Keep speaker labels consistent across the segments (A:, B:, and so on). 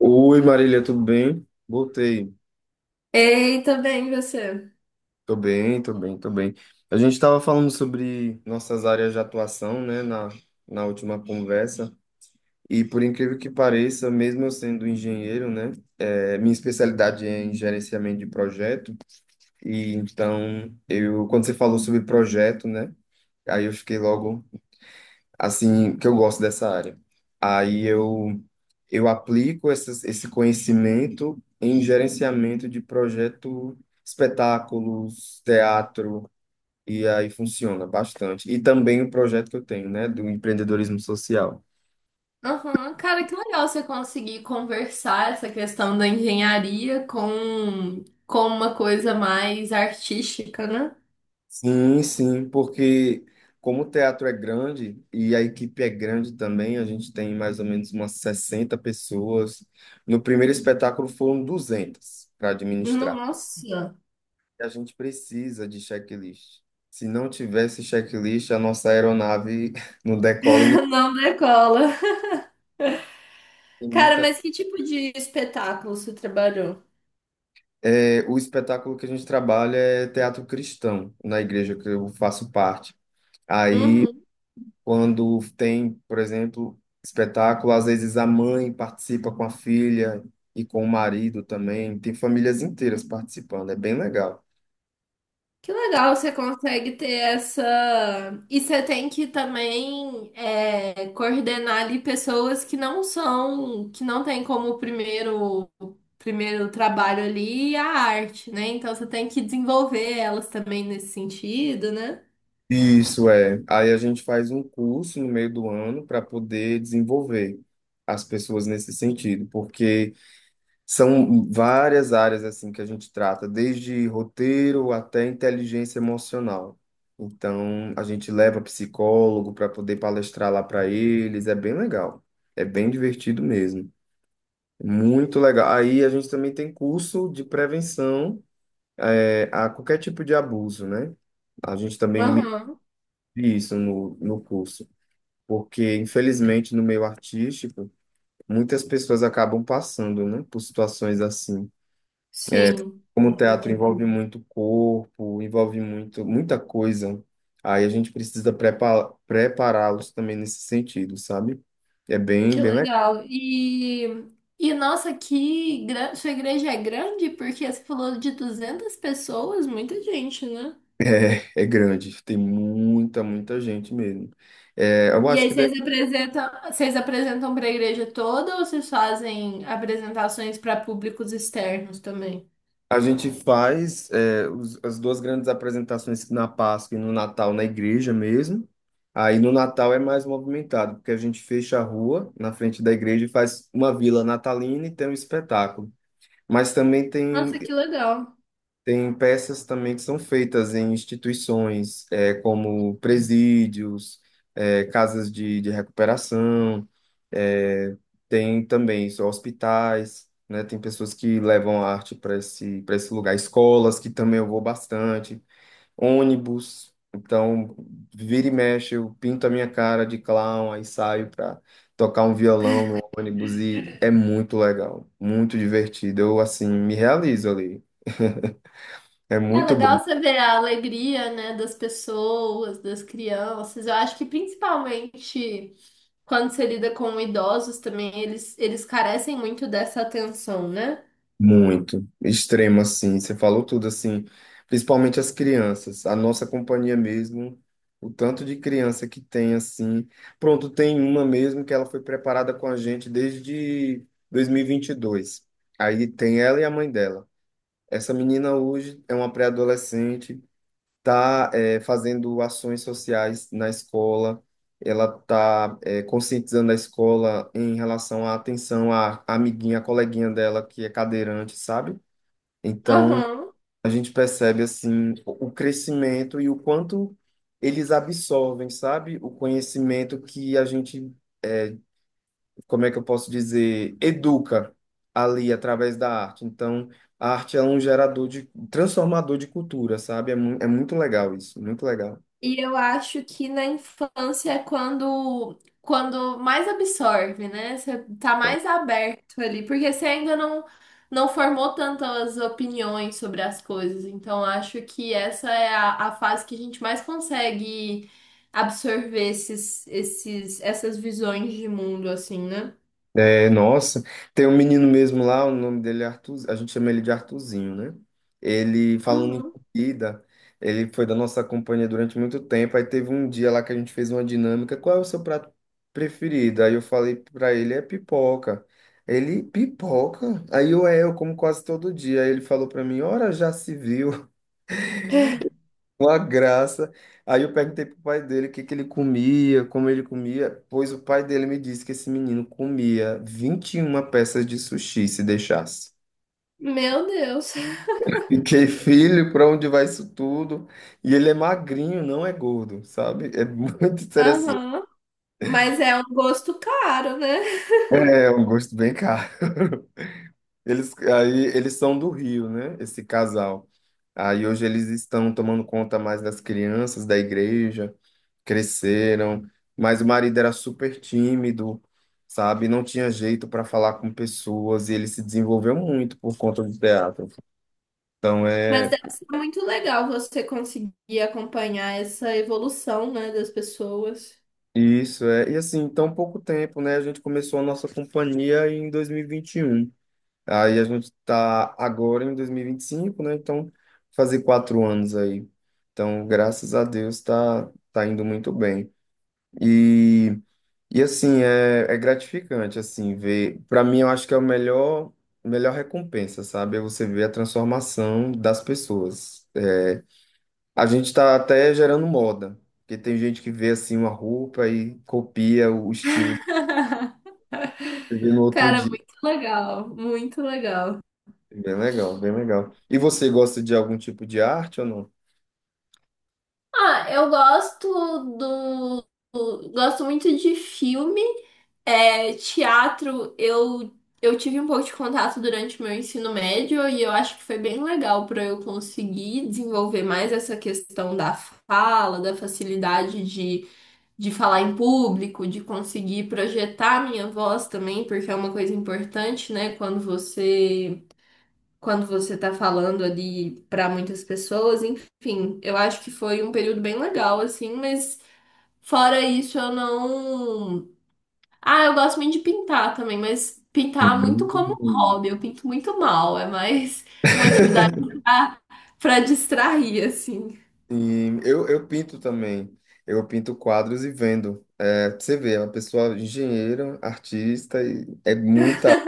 A: Oi, Marília, tudo bem? Voltei.
B: Eita, bem você.
A: Tô bem, tô bem, tô bem. A gente estava falando sobre nossas áreas de atuação, né, na última conversa. E por incrível que pareça, mesmo eu sendo engenheiro, né, minha especialidade é em gerenciamento de projeto. E então, eu, quando você falou sobre projeto, né, aí eu fiquei logo assim, que eu gosto dessa área. Aí eu aplico esse conhecimento em gerenciamento de projeto, espetáculos, teatro, e aí funciona bastante. E também o projeto que eu tenho, né, do empreendedorismo social.
B: Uhum. Cara, que legal você conseguir conversar essa questão da engenharia com uma coisa mais artística, né?
A: Sim, sim, porque como o teatro é grande e a equipe é grande também, a gente tem mais ou menos umas 60 pessoas. No primeiro espetáculo foram 200 para administrar.
B: Nossa,
A: A gente precisa de checklist. Se não tivesse checklist, a nossa aeronave não decola e nem
B: não decola.
A: tem
B: Cara,
A: muita.
B: mas que tipo de espetáculo você trabalhou?
A: É, o espetáculo que a gente trabalha é teatro cristão, na igreja que eu faço parte. Aí, quando tem, por exemplo, espetáculo, às vezes a mãe participa com a filha e com o marido também. Tem famílias inteiras participando, é bem legal.
B: Que legal, você consegue ter essa. E você tem que também coordenar ali pessoas que não são, que não têm como primeiro, primeiro trabalho ali é a arte, né? Então você tem que desenvolver elas também nesse sentido, né?
A: Isso é. Aí a gente faz um curso no meio do ano para poder desenvolver as pessoas nesse sentido, porque são várias áreas assim que a gente trata, desde roteiro até inteligência emocional. Então, a gente leva psicólogo para poder palestrar lá para eles, é bem legal. É bem divertido mesmo. Muito legal. Aí a gente também tem curso de prevenção, a qualquer tipo de abuso, né? A gente também
B: Aham,
A: isso no curso, porque infelizmente no meio artístico muitas pessoas acabam passando, né, por situações assim.
B: sim.
A: Como o teatro envolve muito corpo, envolve muito muita coisa, aí a gente precisa prepará-los também nesse sentido, sabe? É
B: Que
A: bem legal.
B: legal. E nossa, que sua igreja é grande porque você falou de 200 pessoas, muita gente, né?
A: É, é grande, tem muita gente mesmo. É, eu
B: E
A: acho
B: aí
A: que
B: vocês apresentam para a igreja toda ou vocês fazem apresentações para públicos externos também?
A: a gente faz é, as duas grandes apresentações na Páscoa e no Natal na igreja mesmo. Aí no Natal é mais movimentado, porque a gente fecha a rua na frente da igreja e faz uma vila natalina e tem um espetáculo. Mas também tem
B: Nossa, que legal.
A: tem peças também que são feitas em instituições, como presídios, casas de recuperação, é, tem também só hospitais, né? Tem pessoas que levam arte para para esse lugar, escolas, que também eu vou bastante, ônibus. Então, vira e mexe, eu pinto a minha cara de clown, aí saio para tocar um violão no ônibus e é muito legal, muito divertido. Eu, assim, me realizo ali. É
B: É
A: muito
B: legal
A: bom,
B: você ver a alegria, né, das pessoas, das crianças. Eu acho que principalmente quando você lida com idosos também, eles carecem muito dessa atenção, né?
A: muito. Extremo, assim. Você falou tudo, assim. Principalmente as crianças. A nossa companhia mesmo, o tanto de criança que tem, assim. Pronto, tem uma mesmo que ela foi preparada com a gente desde dois mil e vinte e dois. Aí tem ela e a mãe dela. Essa menina hoje é uma pré-adolescente, está fazendo ações sociais na escola, ela está conscientizando a escola em relação à atenção à amiguinha, à coleguinha dela que é cadeirante, sabe? Então,
B: Aham.
A: a gente percebe assim o crescimento e o quanto eles absorvem, sabe? O conhecimento que a gente, eh, como é que eu posso dizer, educa ali através da arte. Então, a arte é um gerador de, transformador de cultura, sabe? É, mu é muito legal isso, muito legal.
B: E eu acho que na infância é quando, quando mais absorve, né? Você tá mais aberto ali, porque você ainda não, não formou tantas opiniões sobre as coisas. Então, acho que essa é a fase que a gente mais consegue absorver essas visões de mundo, assim, né?
A: É, nossa, tem um menino mesmo lá, o nome dele é Arthur, a gente chama ele de Arthurzinho, né? Ele, falando em
B: Uhum.
A: comida, ele foi da nossa companhia durante muito tempo, aí teve um dia lá que a gente fez uma dinâmica, qual é o seu prato preferido? Aí eu falei pra ele, é pipoca. Ele, pipoca? Aí eu, é, eu como quase todo dia. Aí ele falou pra mim, ora, já se viu. Uma graça. Aí eu perguntei pro pai dele o que que ele comia, como ele comia, pois o pai dele me disse que esse menino comia 21 peças de sushi se deixasse.
B: Meu Deus.
A: Fiquei, filho, para onde vai isso tudo? E ele é magrinho, não é gordo, sabe? É muito interessante.
B: Aham. Mas é um gosto caro, né?
A: É um gosto bem caro. Eles, aí, eles são do Rio, né? Esse casal. Aí hoje eles estão tomando conta mais das crianças da igreja, cresceram, mas o marido era super tímido, sabe? Não tinha jeito para falar com pessoas e ele se desenvolveu muito por conta do teatro. Então
B: Mas
A: é
B: deve ser muito legal você conseguir acompanhar essa evolução, né, das pessoas.
A: isso, é. E assim, tão pouco tempo, né? A gente começou a nossa companhia em 2021. Aí a gente está agora em 2025, né? Então, fazer 4 anos aí. Então, graças a Deus, tá, tá indo muito bem. E, e assim, é, é gratificante, assim, ver. Para mim, eu acho que é o melhor, melhor recompensa, sabe? É você ver a transformação das pessoas. É, a gente está até gerando moda, porque tem gente que vê, assim, uma roupa e copia o estilo que você vê no outro
B: Cara,
A: dia.
B: muito legal, muito legal.
A: Bem legal, bem legal. E você gosta de algum tipo de arte ou não?
B: Ah, eu gosto do, gosto muito de filme, é, teatro. Eu tive um pouco de contato durante o meu ensino médio e eu acho que foi bem legal para eu conseguir desenvolver mais essa questão da fala, da facilidade de falar em público, de conseguir projetar a minha voz também, porque é uma coisa importante, né? Quando você tá falando ali para muitas pessoas, enfim, eu acho que foi um período bem legal assim, mas fora isso eu não. Ah, eu gosto muito de pintar também, mas pintar é muito como um
A: Hum.
B: hobby, eu pinto muito mal, é mais uma atividade pra, pra distrair assim.
A: Sim, eu pinto também. Eu pinto quadros e vendo. É, pra você vê, é uma pessoa engenheira, artista, e é muita área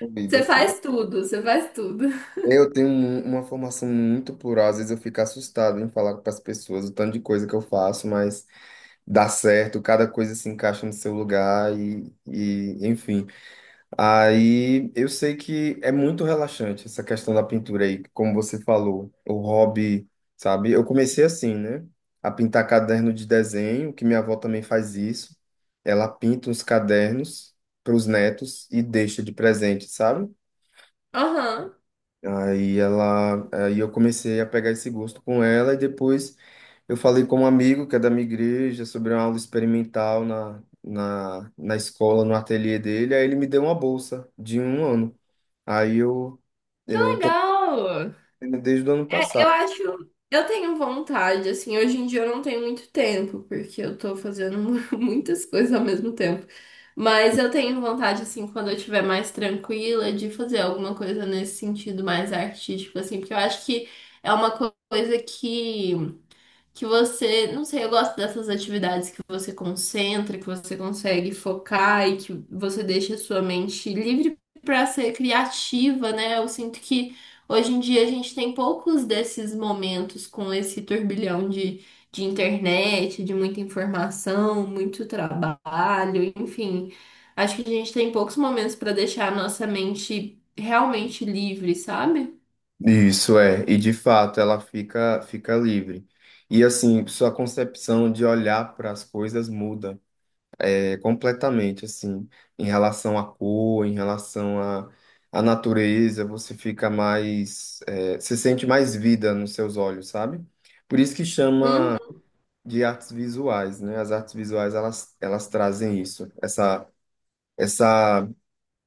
A: envolvida,
B: Você
A: assim.
B: faz tudo, você faz tudo.
A: Eu tenho uma formação muito plural, às vezes eu fico assustado em falar para as pessoas o tanto de coisa que eu faço, mas dá certo, cada coisa se encaixa no seu lugar e enfim. Aí eu sei que é muito relaxante essa questão da pintura aí, como você falou, o hobby, sabe? Eu comecei assim, né? A pintar caderno de desenho, que minha avó também faz isso. Ela pinta os cadernos para os netos e deixa de presente, sabe?
B: Aham.
A: Aí eu comecei a pegar esse gosto com ela e depois eu falei com um amigo que é da minha igreja sobre uma aula experimental na escola, no ateliê dele, aí ele me deu uma bolsa de um ano. Aí eu tô
B: Legal!
A: fazendo desde o ano
B: Eu
A: passado.
B: acho, eu tenho vontade, assim, hoje em dia eu não tenho muito tempo, porque eu tô fazendo muitas coisas ao mesmo tempo. Mas eu tenho vontade, assim, quando eu estiver mais tranquila, de fazer alguma coisa nesse sentido mais artístico, assim, porque eu acho que é uma coisa que você, não sei, eu gosto dessas atividades que você concentra, que você consegue focar e que você deixa a sua mente livre para ser criativa, né? Eu sinto que hoje em dia a gente tem poucos desses momentos com esse turbilhão de internet, de muita informação, muito trabalho, enfim. Acho que a gente tem poucos momentos para deixar a nossa mente realmente livre, sabe?
A: Isso é, e de fato ela fica livre. E assim, sua concepção de olhar para as coisas muda. É completamente assim, em relação à cor, em relação à natureza, você fica mais, é, você sente mais vida nos seus olhos, sabe? Por isso que chama
B: Hum,
A: de artes visuais, né? As artes visuais, elas trazem isso, essa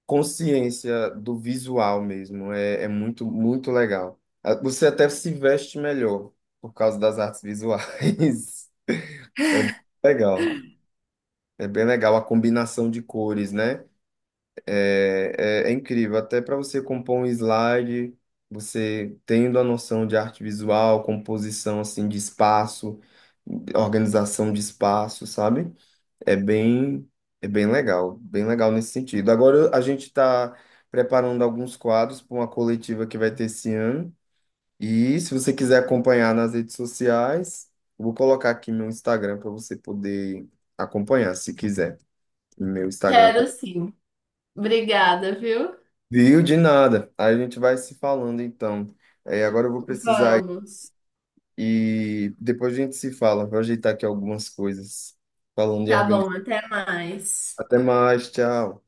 A: consciência do visual mesmo, é muito, muito legal. Ah, você até se veste melhor por causa das artes visuais. Legal. É bem legal a combinação de cores, né? É incrível, até para você compor um slide, você tendo a noção de arte visual, composição assim de espaço, organização de espaço, sabe? É bem, é bem legal nesse sentido. Agora a gente está preparando alguns quadros para uma coletiva que vai ter esse ano. E se você quiser acompanhar nas redes sociais, eu vou colocar aqui meu Instagram para você poder acompanhar, se quiser. Meu Instagram.
B: quero sim. Obrigada, viu?
A: Viu? De nada. Aí a gente vai se falando então. É, agora eu vou precisar ir-
B: Vamos.
A: e depois a gente se fala. Vou ajeitar aqui algumas coisas. Falando de
B: Tá
A: organização.
B: bom, até mais.
A: Até mais, tchau.